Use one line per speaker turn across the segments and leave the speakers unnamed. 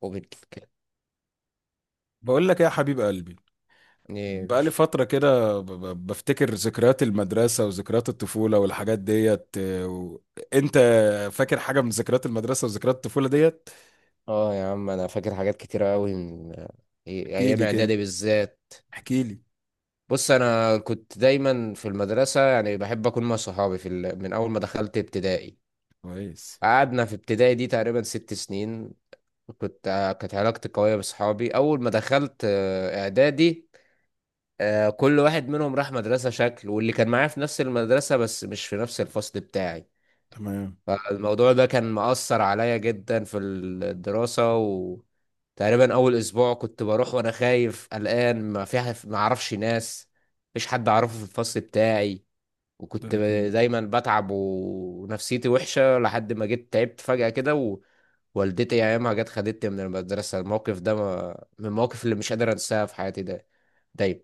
وبتكلمني
بقول لك إيه يا حبيب قلبي.
يا
بقالي
باشا.
فترة كده، بفتكر ذكريات المدرسة وذكريات الطفولة والحاجات ديت إيه، و انت فاكر حاجة من ذكريات المدرسة وذكريات الطفولة ديت؟
اه يا عم انا فاكر حاجات كتيرة قوي من
احكي
ايام
لي كده،
اعدادي بالذات.
احكي لي.
بص، انا كنت دايما في المدرسة، يعني بحب اكون مع صحابي من اول ما دخلت ابتدائي.
كويس.
قعدنا في ابتدائي دي تقريبا 6 سنين. كانت علاقتي قوية بصحابي اول ما دخلت، اعدادي. كل واحد منهم راح مدرسة شكل، واللي كان معايا في نفس المدرسة بس مش في نفس الفصل بتاعي.
تمام.
فالموضوع ده كان مأثر عليا جدا في الدراسة، وتقريبا أول أسبوع كنت بروح وأنا خايف قلقان، ما فيها، ما أعرفش ناس، مفيش حد أعرفه في الفصل بتاعي. وكنت
ده أكيد.
دايما بتعب ونفسيتي وحشة لحد ما جيت تعبت فجأة كده، ووالدتي أيامها جت خدتني من المدرسة. الموقف ده من المواقف اللي مش قادر أنساها في حياتي، ده دايما.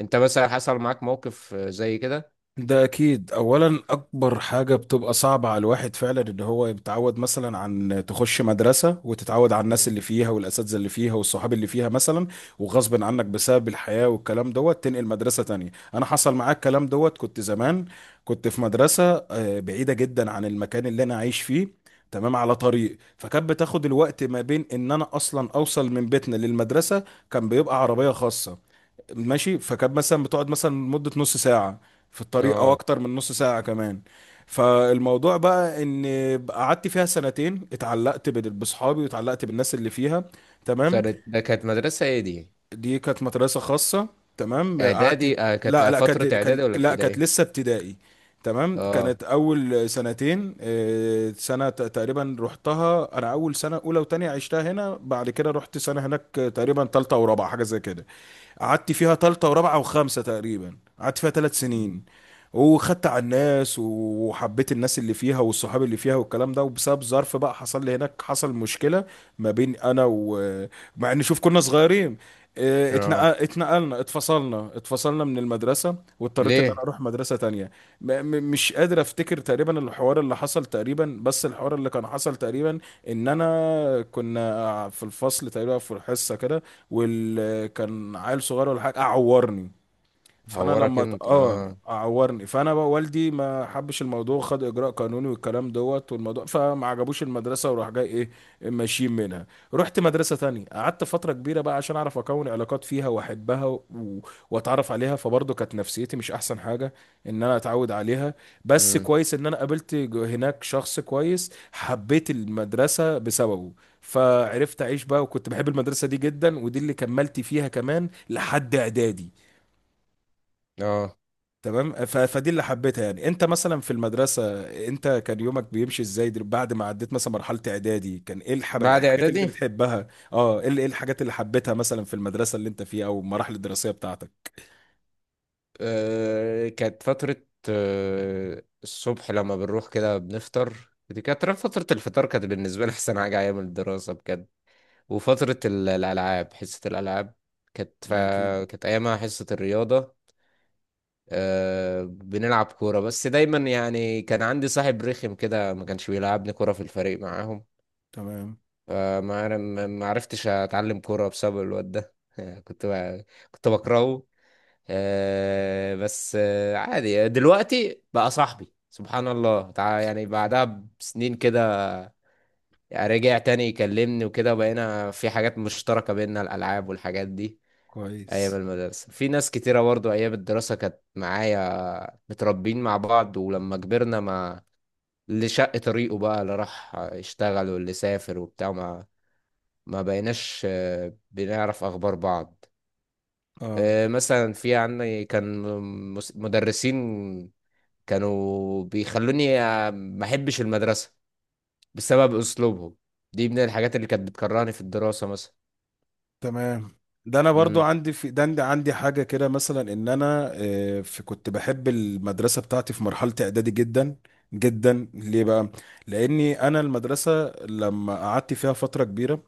أنت مثلا حصل معاك موقف زي كده؟
ده اكيد، اولا اكبر حاجه بتبقى صعبه على الواحد فعلا ان هو يتعود مثلا، عن تخش مدرسه وتتعود على الناس
مم.
اللي فيها والاساتذه اللي فيها والصحاب اللي فيها مثلا. وغصب عنك بسبب الحياه والكلام دوت تنقل مدرسه تانية. انا حصل معاك الكلام دوت. كنت زمان كنت في مدرسه بعيده جدا عن المكان اللي انا عايش فيه. تمام، على طريق، فكانت بتاخد الوقت ما بين ان انا اصلا اوصل من بيتنا للمدرسه. كان بيبقى عربيه خاصه ماشي. فكانت مثلا بتقعد مثلا مدة نص ساعة في الطريق، او
اه.
اكتر من نص ساعة كمان. فالموضوع بقى ان قعدت فيها سنتين، اتعلقت بصحابي واتعلقت بالناس اللي فيها. تمام.
سنة ده كانت مدرسة ايه دي؟
دي كانت مدرسة خاصة. تمام، قعدت.
اعدادي؟ آه، كانت
لا، لا،
فترة اعدادي ولا
لا كانت
ابتدائي؟
لسه ابتدائي. تمام،
اه.
كانت اول سنتين، تقريبا رحتها انا اول سنة اولى وتانية عشتها هنا، بعد كده رحت سنة هناك، تقريبا تالتة ورابعة حاجة زي كده. قعدت فيها تالتة ورابعة وخامسة، تقريبا قعدت فيها ثلاث
مم.
سنين وخدت على الناس وحبيت الناس اللي فيها والصحاب اللي فيها والكلام ده. وبسبب ظرف بقى حصل لي هناك، حصل مشكلة ما بين انا و مع ان، شوف، كنا صغيرين.
اه.
اتنقلنا، اتفصلنا من المدرسة، واضطريت ان انا
ليه؟
اروح مدرسة تانية. مش قادر افتكر تقريبا الحوار اللي حصل، تقريبا بس الحوار اللي كان حصل تقريبا ان انا كنا في الفصل تقريبا في الحصة كده، وال كان عيل صغير ولا حاجه قعورني. فانا
هورك
لما
انت؟ اه.
عورني، فانا بقى والدي ما حبش الموضوع، خد اجراء قانوني والكلام دوت. والموضوع فما عجبوش المدرسه وراح جاي ايه، ماشيين منها. رحت مدرسه تانية، قعدت فتره كبيره بقى عشان اعرف اكون علاقات فيها واحبها و واتعرف عليها، فبرضه كانت نفسيتي مش احسن حاجه ان انا اتعود عليها. بس
امم.
كويس ان انا قابلت هناك شخص كويس، حبيت المدرسه بسببه. فعرفت اعيش بقى، وكنت بحب المدرسه دي جدا، ودي اللي كملت فيها كمان لحد اعدادي.
اه.
تمام، فدي اللي حبيتها يعني. انت مثلا في المدرسة، انت كان يومك بيمشي ازاي؟ بعد ما عديت مثلا مرحلة اعدادي، كان ايه
بعد
الحاجات اللي انت
اعدادي؟
بتحبها؟ اه، ايه الحاجات اللي حبيتها مثلا في المدرسة اللي انت فيها او المراحل الدراسية بتاعتك؟
كانت فترة. الصبح لما بنروح كده بنفطر، دي كانت فترة الفطار، كانت بالنسبة لي أحسن حاجة أيام الدراسة بجد. وفترة الألعاب، حصة الألعاب كانت ف...
ده اكيد.
كانت أيامها حصة الرياضة. بنلعب كورة، بس دايما يعني كان عندي صاحب رخم كده ما كانش بيلعبني كورة في الفريق معاهم.
تمام.
ما عر- ما ما عرفتش اتعلم كوره بسبب الواد ده. كنت ب- كنت بكرهه. بس، عادي دلوقتي بقى صاحبي سبحان الله، يعني بعدها بسنين كده رجع تاني يكلمني وكده، وبقينا في حاجات مشتركة بيننا الألعاب والحاجات دي. أيام
كويس.
المدرسة في ناس كتيرة برضو، أيام الدراسة كانت معايا متربين مع بعض، ولما كبرنا، ما اللي شق طريقه بقى، اللي راح يشتغل واللي سافر وبتاع، ما بقيناش بنعرف اخبار بعض.
اه.
مثلا في عندي كان مدرسين كانوا بيخلوني، ما احبش المدرسة بسبب اسلوبهم، دي من الحاجات اللي كانت بتكرهني في الدراسة مثلا.
تمام. ده انا برضو
امم.
عندي، في ده عندي عندي حاجه كده مثلا، ان انا في كنت بحب المدرسه بتاعتي في مرحله اعدادي جدا جدا. ليه بقى؟ لاني انا المدرسه لما قعدت فيها فتره كبيره،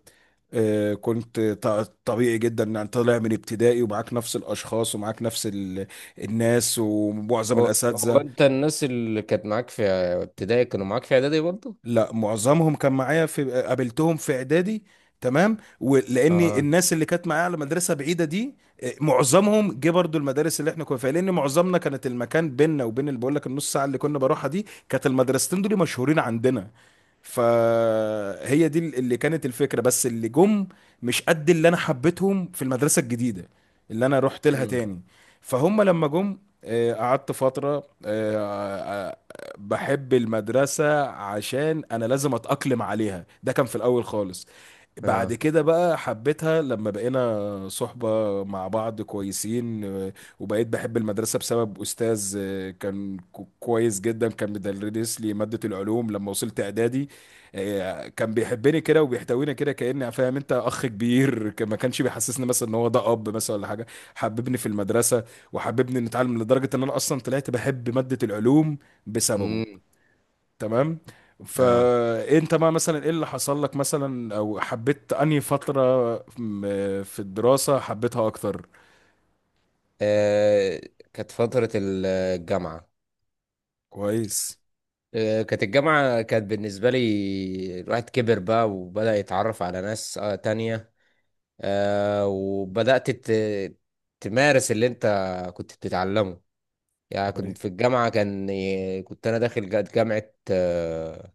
كنت طبيعي جدا ان انت طالع من ابتدائي ومعاك نفس الاشخاص ومعاك نفس الناس ومعظم
هو
الاساتذه.
انت، الناس اللي كانت معاك في ابتدائي كانوا معاك في اعدادي برضه؟
لا، معظمهم كان معايا، قابلتهم في اعدادي. تمام، ولان
اه.
الناس اللي كانت معايا على مدرسه بعيده دي، معظمهم جه برضو المدارس اللي احنا كنا فيها، لان معظمنا كانت المكان بيننا وبين اللي بقول لك النص ساعه اللي كنا بروحها دي، كانت المدرستين دول مشهورين عندنا. فهي دي اللي كانت الفكره، بس اللي جم مش قد اللي انا حبيتهم في المدرسه الجديده اللي انا رحت لها
امم.
تاني. فهم لما جم، قعدت فتره، آه، آه، بحب المدرسة عشان أنا لازم أتأقلم عليها، ده كان في الأول خالص. بعد
اه.
كده بقى حبيتها لما بقينا صحبة مع بعض كويسين، وبقيت بحب المدرسة بسبب أستاذ كان كويس جدا، كان بيدرس لي مادة العلوم لما وصلت إعدادي. كان بيحبني كده وبيحتويني كده، كأني فاهم أنت، أخ كبير، ما كانش بيحسسني مثلا إن هو ده أب مثلا ولا حاجة. حببني في المدرسة، وحببني نتعلم لدرجة إن أنا أصلا طلعت بحب مادة العلوم بسببه.
امم.
تمام.
اه.
فانت بقى مثلا، ايه اللي حصل لك مثلا؟ او حبيت انهي فترة في الدراسة حبيتها اكتر؟
آه، كانت فترة الجامعة.
كويس.
كانت الجامعة، كانت بالنسبة لي الواحد كبر بقى وبدأ يتعرف على ناس، تانية. وبدأت تمارس اللي انت كنت بتتعلمه. يعني
كويس.
كنت في الجامعة كان، كنت أنا داخل جامعة، آه،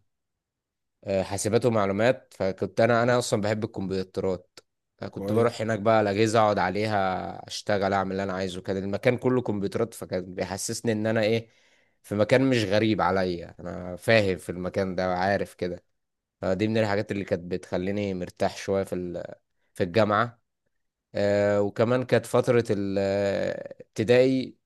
آه، حاسبات ومعلومات. فكنت انا اصلا بحب الكمبيوترات، فكنت
كويس.
بروح هناك بقى على الاجهزه اقعد عليها اشتغل اعمل اللي انا عايزه، كان المكان كله كمبيوترات، فكان بيحسسني ان انا ايه، في مكان مش غريب عليا، انا فاهم في المكان ده وعارف كده. فدي من الحاجات اللي كانت بتخليني مرتاح شويه في الجامعه. وكمان كانت فتره الابتدائي،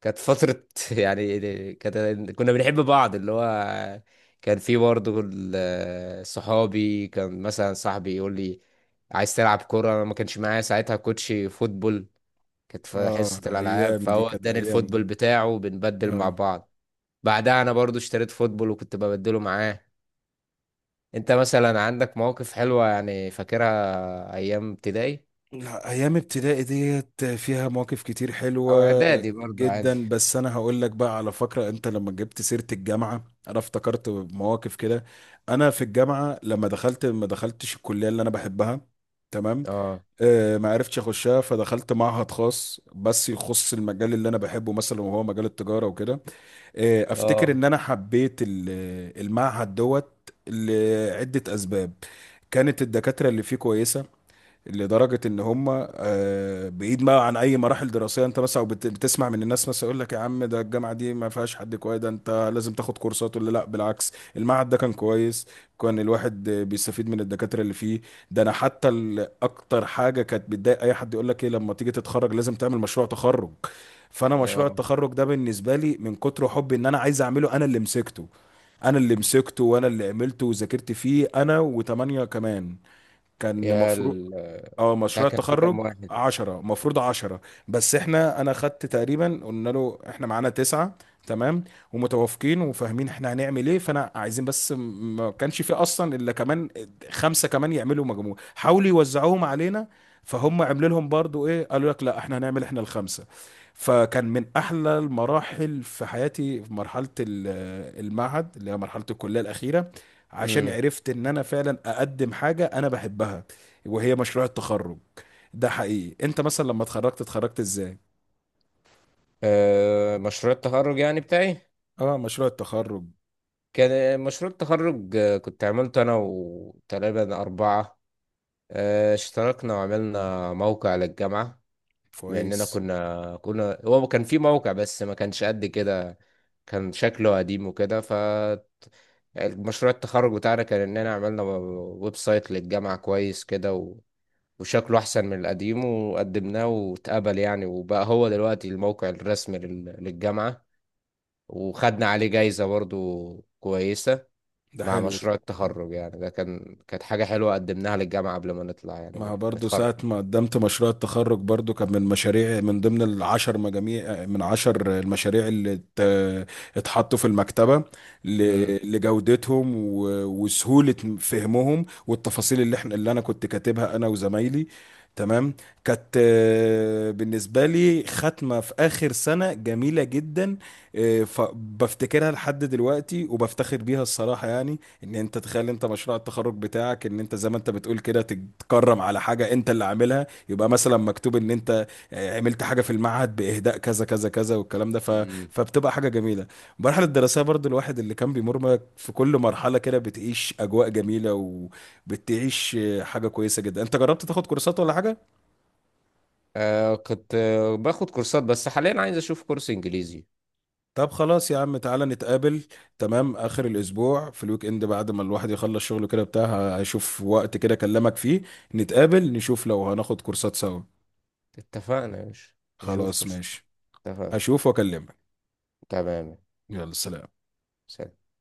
كانت فترة، يعني كانت بنحب بعض، اللي هو كان في برضه صحابي. كان مثلا صاحبي يقول لي، عايز تلعب كورة؟ أنا ما كانش معايا ساعتها كوتش فوتبول، كانت في حصة
اه،
الألعاب،
ايام دي
فهو
كانت
اداني
ايام
الفوتبول
دي.
بتاعه وبنبدل مع
اه،
بعض. بعدها أنا برضه اشتريت فوتبول وكنت ببدله معاه. أنت مثلا عندك مواقف حلوة يعني فاكرها أيام ابتدائي
لا، ايام ابتدائي ديت فيها مواقف كتير
أو
حلوة
إعدادي برضه عادي؟
جدا. بس انا هقول لك بقى على فكرة، انت لما جبت سيرة الجامعة، انا افتكرت مواقف كده. انا في الجامعة لما دخلت، ما دخلتش الكلية اللي انا بحبها. تمام.
اه.
ما عرفتش اخشها، فدخلت معهد خاص بس يخص المجال اللي انا بحبه مثلا، وهو مجال التجاره وكده. افتكر
اه.
ان انا حبيت المعهد دوت لعده اسباب. كانت الدكاتره اللي فيه كويسه، لدرجه ان هم، بعيد ما عن اي مراحل دراسيه، انت مثلا بتسمع من الناس مثلا يقول لك يا عم، ده الجامعه دي ما فيهاش حد كويس، ده انت لازم تاخد كورسات ولا لا، بالعكس المعهد ده كان كويس. كان الواحد بيستفيد من الدكاتره اللي فيه. ده انا حتى، اكتر حاجه كانت بتضايق اي حد، يقول لك ايه لما تيجي تتخرج لازم تعمل مشروع تخرج. فانا مشروع
اه
التخرج ده بالنسبه لي، من كتر حبي ان انا عايز اعمله، انا اللي مسكته. انا اللي مسكته، وانا اللي عملته وذاكرت فيه انا وتمانية كمان. كان
يا
مفروض.
ال
اه،
بتاع،
مشروع
كان في
التخرج.
كام واحد؟
10، مفروض 10. بس انا خدت تقريبا، قلنا له احنا معانا تسعة. تمام، ومتوافقين وفاهمين احنا هنعمل ايه، فانا عايزين بس، ما كانش في اصلا الا كمان خمسة كمان يعملوا مجموع، حاولوا يوزعوهم علينا. فهم عملوا لهم برضو ايه، قالوا لك لا احنا هنعمل احنا الخمسة. فكان من احلى المراحل في حياتي، في مرحلة المعهد اللي هي مرحلة الكلية الاخيرة، عشان
امم.
عرفت ان انا فعلا اقدم حاجة انا بحبها، وهي مشروع التخرج. ده حقيقي. انت مثلا لما اتخرجت، اتخرجت ازاي؟
آه، مشروع التخرج يعني بتاعي،
اه، مشروع التخرج.
كان مشروع التخرج، كنت عملته انا وتقريبا اربعة. آه، اشتركنا وعملنا موقع للجامعة. لاننا
كويس.
كنا، هو كان في موقع بس ما كانش قد كده، كان شكله قديم وكده. مشروع التخرج بتاعنا كان اننا عملنا ويب سايت للجامعة كويس كده و... وشكله احسن من القديم، وقدمناه واتقبل يعني، وبقى هو دلوقتي الموقع الرسمي للجامعة. وخدنا عليه جايزة برضو كويسة
ده
مع
حلو ده.
مشروع التخرج، يعني ده كان، كانت حاجة حلوة قدمناها للجامعة قبل ما نطلع يعني
ما،
منها
برضو
نتخرج.
ساعة ما قدمت مشروع التخرج برضو، كان من مشاريع، من ضمن العشر مجاميع، من عشر المشاريع اللي اتحطوا في المكتبة
امم.
لجودتهم وسهولة فهمهم، والتفاصيل اللي انا كنت كاتبها انا وزمايلي. تمام. كانت بالنسبة لي ختمة في آخر سنة جميلة جدا، بفتكرها لحد دلوقتي وبفتخر بيها الصراحة يعني. ان انت تخيل انت مشروع التخرج بتاعك، ان انت زي ما انت بتقول كده، تتكرم على حاجه انت اللي عاملها، يبقى مثلا مكتوب ان انت عملت حاجه في المعهد باهداء كذا كذا كذا والكلام ده ف
امم.
فبتبقى حاجه جميله. المرحله الدراسيه برضو، الواحد اللي كان بيمر في كل مرحله كده بتعيش اجواء جميله، وبتعيش حاجه كويسه جدا. انت جربت تاخد كورسات ولا حاجه؟
آه كنت باخد كورسات، بس حاليا عايز اشوف كورس انجليزي.
طب خلاص يا عم، تعالى نتقابل. تمام، آخر الأسبوع في الويك إند، بعد ما الواحد يخلص شغله كده بتاع، هشوف وقت كده أكلمك فيه. نتقابل، نشوف لو هناخد كورسات سوا.
اتفقنا يا باشا. نشوف
خلاص،
كورسات.
ماشي.
اتفقنا.
أشوف وأكلمك.
تمام.
يلا، سلام.
سلام.